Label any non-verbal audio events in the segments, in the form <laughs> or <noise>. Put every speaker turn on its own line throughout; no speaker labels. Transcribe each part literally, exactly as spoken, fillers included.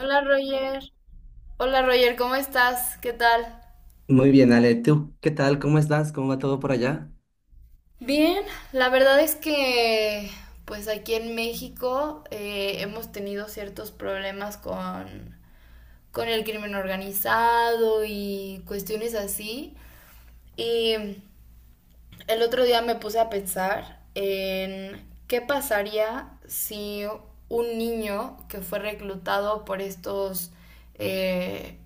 Hola Roger. Hola Roger, ¿cómo estás? ¿Qué tal?
Muy bien, Ale, ¿tú qué tal? ¿Cómo estás? ¿Cómo va todo por allá?
Bien, la verdad es que pues aquí en México eh, hemos tenido ciertos problemas con, con el crimen organizado y cuestiones así. Y el otro día me puse a pensar en qué pasaría si un niño que fue reclutado por estos, eh,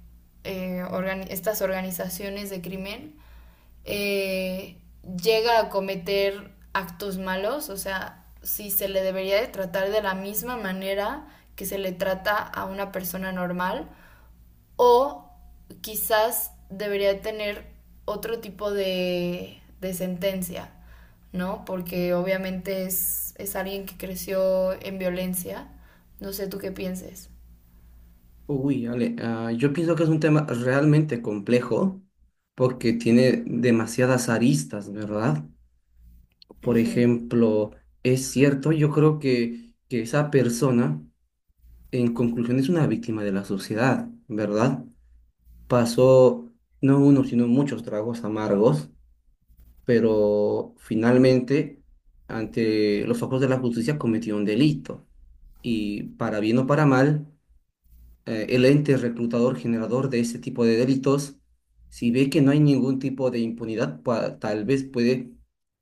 eh, organi- estas organizaciones de crimen eh, llega a cometer actos malos, o sea, si se le debería de tratar de la misma manera que se le trata a una persona normal, o quizás debería tener otro tipo de, de sentencia, ¿no? Porque obviamente es, es alguien que creció en violencia. No sé tú qué pienses.
Uy, Ale, ah, yo pienso que es un tema realmente complejo porque tiene demasiadas aristas, ¿verdad? Por
Ujú,
ejemplo, es cierto, yo creo que, que esa persona, en conclusión, es una víctima de la sociedad, ¿verdad? Pasó no uno, sino muchos tragos amargos, pero finalmente, ante los ojos de la justicia, cometió un delito. Y para bien o para mal, eh, el ente reclutador generador de ese tipo de delitos, si ve que no hay ningún tipo de impunidad, pa- tal vez puede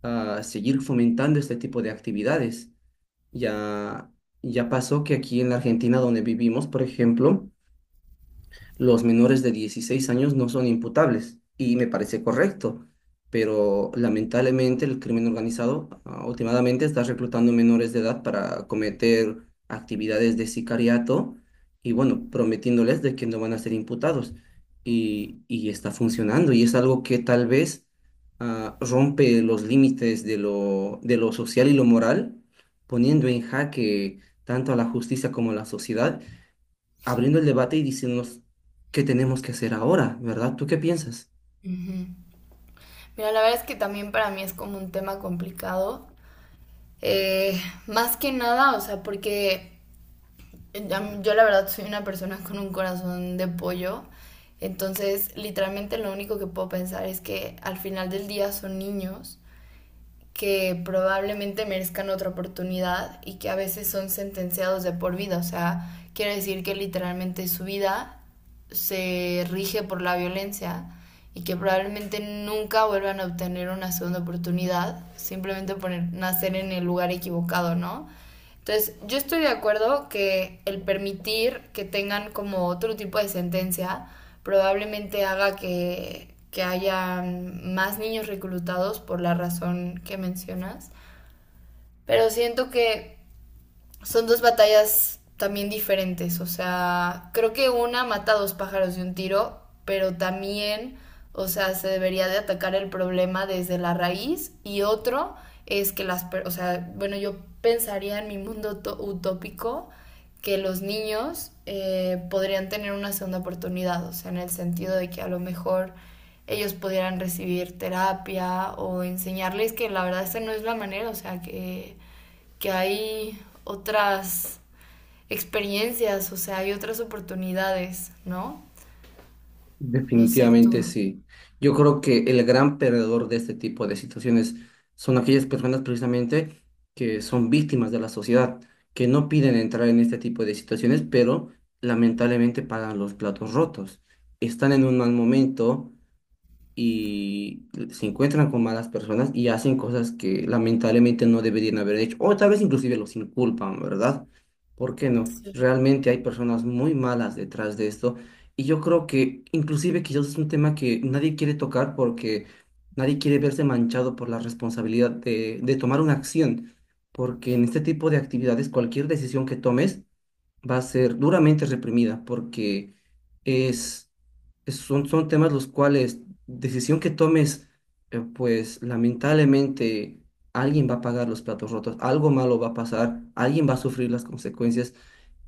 ah, seguir fomentando este tipo de actividades. Ya, ya pasó que aquí en la Argentina donde vivimos, por ejemplo, los menores de dieciséis años no son imputables y me parece correcto, pero lamentablemente el crimen organizado ah, últimamente está reclutando menores de edad para cometer actividades de sicariato y bueno, prometiéndoles de que no van a ser imputados y, y está funcionando y es algo que tal vez ah, rompe los límites de lo, de lo social y lo moral, poniendo en jaque tanto a la justicia como a la sociedad, abriendo el debate y diciéndonos qué tenemos que hacer ahora, ¿verdad? ¿Tú qué piensas?
ujú. Mira, la verdad es que también para mí es como un tema complicado. Eh, Más que nada, o sea, porque yo la verdad soy una persona con un corazón de pollo. Entonces, literalmente lo único que puedo pensar es que al final del día son niños que probablemente merezcan otra oportunidad y que a veces son sentenciados de por vida. O sea, quiere decir que literalmente su vida se rige por la violencia y que probablemente nunca vuelvan a obtener una segunda oportunidad simplemente por nacer en el lugar equivocado, ¿no? Entonces, yo estoy de acuerdo que el permitir que tengan como otro tipo de sentencia probablemente haga que, que haya más niños reclutados por la razón que mencionas. Pero siento que son dos batallas también diferentes. O sea, creo que una mata a dos pájaros de un tiro, pero también, o sea, se debería de atacar el problema desde la raíz. Y otro es que las, per- o sea, bueno, yo pensaría en mi mundo utópico que los niños eh, podrían tener una segunda oportunidad, o sea, en el sentido de que a lo mejor ellos pudieran recibir terapia o enseñarles que la verdad esta no es la manera, o sea, que que hay otras experiencias, o sea, hay otras oportunidades, ¿no? No sé tú.
Definitivamente sí. Yo creo que el gran perdedor de este tipo de situaciones son aquellas personas precisamente que son víctimas de la sociedad, que no piden entrar en este tipo de situaciones, pero lamentablemente pagan los platos rotos. Están en un mal momento, y se encuentran con malas personas y hacen cosas que lamentablemente no deberían haber hecho, o tal vez inclusive los inculpan, ¿verdad? ¿Por qué no?
Sí.
Realmente hay personas muy malas detrás de esto y yo creo que inclusive quizás es un tema que nadie quiere tocar porque nadie quiere verse manchado por la responsabilidad de, de tomar una acción, porque en este tipo de actividades cualquier decisión que tomes va a ser duramente reprimida porque es, es- son, son temas los cuales decisión que tomes, eh, pues lamentablemente alguien va a pagar los platos rotos, algo malo va a pasar, alguien va a sufrir las consecuencias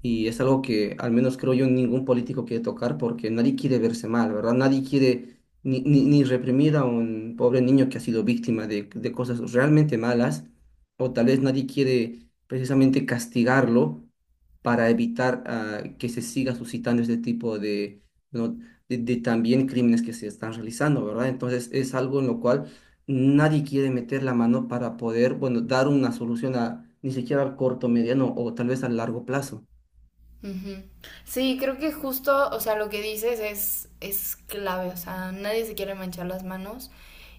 y es algo que al menos creo yo ningún político quiere tocar porque nadie quiere verse mal, ¿verdad? Nadie quiere ni, ni, ni reprimir a un pobre niño que ha sido víctima de, de cosas realmente malas o tal vez nadie quiere precisamente castigarlo para evitar ah, que se siga suscitando este tipo de, ¿no? de, de también crímenes que se están realizando, ¿verdad? Entonces es algo en lo cual nadie quiere meter la mano para poder, bueno, dar una solución a ni siquiera al corto, mediano o tal vez al largo plazo.
Ujú. Sí, creo que justo, o sea, lo que dices es, es clave, o sea, nadie se quiere manchar las manos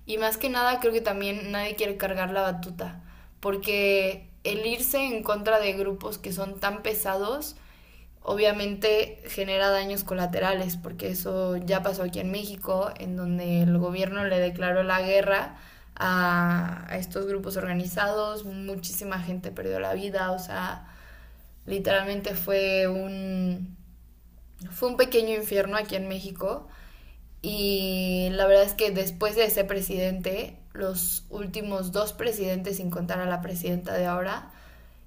y más que nada creo que también nadie quiere cargar la batuta, porque el irse en contra de grupos que son tan pesados obviamente genera daños colaterales, porque eso ya pasó aquí en México, en donde el gobierno le declaró la guerra a, a estos grupos organizados, muchísima gente perdió la vida, o sea, literalmente fue un, fue un pequeño infierno aquí en México. Y la verdad es que después de ese presidente, los últimos dos presidentes, sin contar a la presidenta de ahora,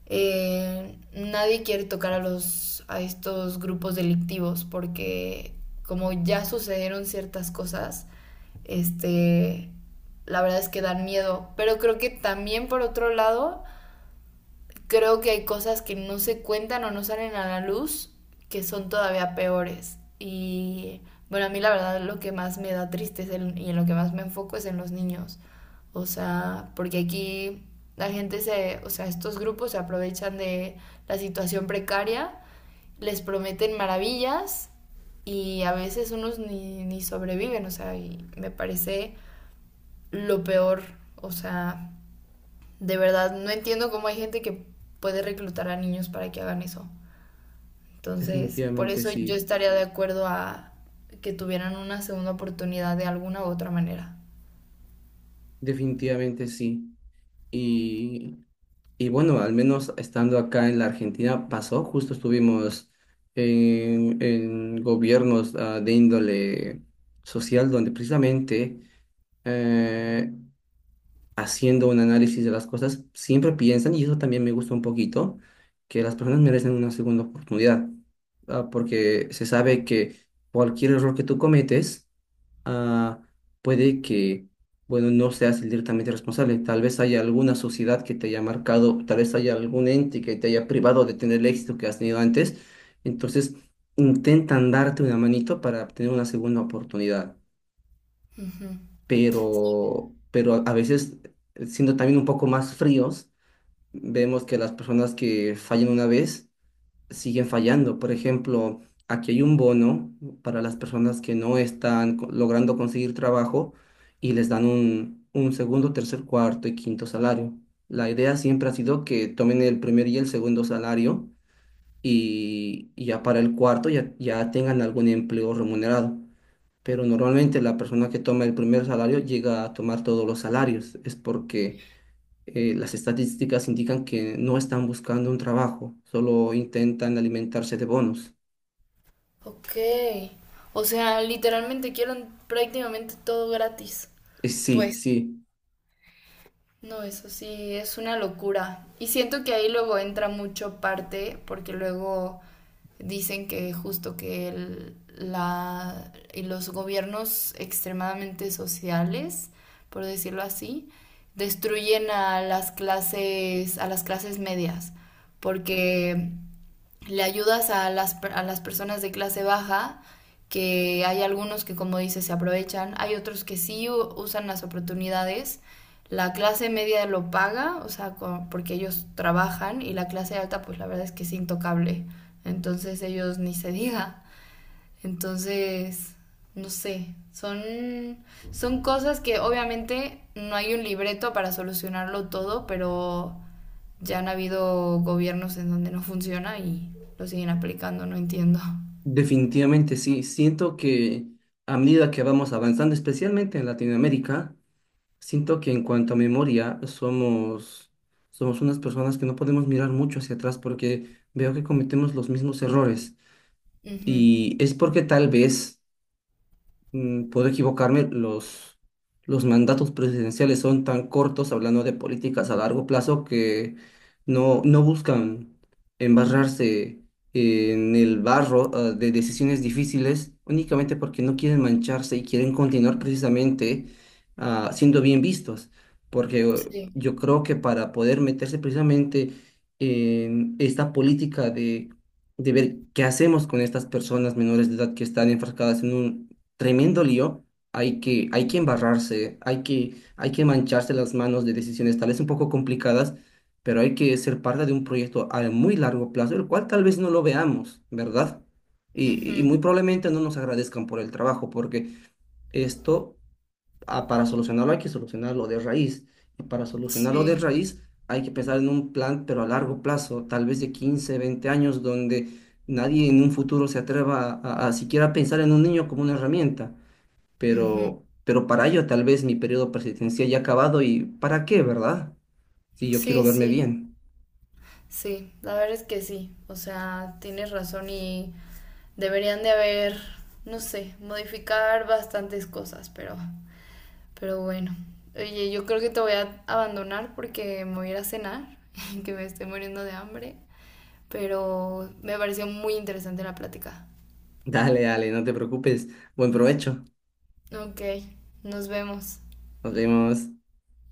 eh, nadie quiere tocar a los a estos grupos delictivos porque como ya sucedieron ciertas cosas, este la verdad es que dan miedo, pero creo que también por otro lado creo que hay cosas que no se cuentan o no salen a la luz que son todavía peores. Y bueno, a mí la verdad lo que más me da tristeza y en lo que más me enfoco es en los niños. O sea, porque aquí la gente se, o sea, estos grupos se aprovechan de la situación precaria, les prometen maravillas y a veces unos ni, ni sobreviven, o sea, y me parece lo peor, o sea, de verdad, no entiendo cómo hay gente que puede reclutar a niños para que hagan eso. Entonces, por
Definitivamente
eso yo
sí,
estaría de acuerdo a que tuvieran una segunda oportunidad de alguna u otra manera.
definitivamente sí. Y Y bueno, al menos estando acá en la Argentina pasó, justo estuvimos en, en gobiernos ah, de índole social donde precisamente eh, haciendo un análisis de las cosas siempre piensan, y eso también me gusta un poquito, que las personas merecen una segunda oportunidad, ah, porque se sabe que cualquier error que tú cometes, ah, puede que, bueno, no seas el directamente responsable. Tal vez haya alguna sociedad que te haya marcado, tal vez haya algún ente que te haya privado de tener el éxito que has tenido antes. Entonces, intentan darte una manito para obtener una segunda oportunidad.
Ujú. Sí,
Pero, pero a a veces, siendo también un poco más fríos, vemos que las personas que fallan una vez, siguen fallando. Por ejemplo, aquí hay un bono para las personas que no están co- logrando conseguir trabajo y les dan un, un segundo, tercer, cuarto y quinto salario. La idea siempre ha sido que tomen el primer y el segundo salario y, y ya para el cuarto ya, ya tengan algún empleo remunerado. Pero normalmente la persona que toma el primer salario llega a tomar todos los salarios. Es porque eh, las estadísticas indican que no están buscando un trabajo, solo intentan alimentarse de bonos.
ok. O sea, literalmente quieren prácticamente todo gratis.
Eh, sí,
Pues,
sí,
no, eso sí, es una locura. Y siento que ahí luego entra mucho parte, porque luego dicen que justo que el- la, y los gobiernos extremadamente sociales, por decirlo así, destruyen a las clases, a las clases medias, porque le ayudas a las, a las personas de clase baja, que hay algunos que, como dices, se aprovechan, hay otros que sí usan las oportunidades. La clase media lo paga, o sea, co- porque ellos trabajan, y la clase alta, pues la verdad es que es intocable. Entonces ellos ni se diga. Entonces, no sé, son, son cosas que obviamente no hay un libreto para solucionarlo todo, pero ya han habido gobiernos en donde no funciona y lo siguen aplicando, no entiendo.
definitivamente sí. Siento que a medida que vamos avanzando, especialmente en Latinoamérica, siento que en cuanto a memoria somos, somos unas personas que no podemos mirar mucho hacia atrás porque veo que cometemos los mismos errores.
Ujú,
Y es porque tal vez... mm, puedo equivocarme, los, los mandatos presidenciales son tan cortos, hablando de políticas a largo plazo, que no, no buscan embarrarse en el barro, ah, de decisiones difíciles, únicamente porque no quieren mancharse y quieren continuar precisamente, ah, siendo bien vistos. Porque eh,
sí,
yo creo que para poder meterse precisamente en esta política de de ver qué hacemos con estas personas menores de edad que están enfrascadas en un tremendo lío. Hay que, hay que embarrarse, hay que, hay que mancharse las manos de decisiones tal vez un poco complicadas, pero hay que ser parte de un proyecto a muy largo plazo, el cual tal vez no lo veamos, ¿verdad? Y, y
ujú,
muy probablemente no nos agradezcan por el trabajo, porque esto, ah, para solucionarlo, hay que solucionarlo de raíz. Y para solucionarlo de
sí,
raíz, hay que pensar en un plan, pero a largo plazo, tal vez de quince, veinte años, donde nadie en un futuro se atreva a, a- a siquiera pensar en un niño como una herramienta,
ujú.
pero, pero para ello tal vez mi periodo presidencial ya ha acabado y ¿para qué, verdad? Si yo quiero
Sí,
verme
sí,
bien. <laughs>
sí, la verdad es que sí, o sea, tienes razón y deberían de haber, no sé, modificar bastantes cosas, pero... Pero bueno, oye, yo creo que te voy a abandonar porque me voy a ir a cenar, <laughs> que me estoy muriendo de hambre. Pero me pareció muy interesante la plática.
Dale, dale, no te preocupes. Buen provecho.
Ok, nos vemos.
Nos vemos.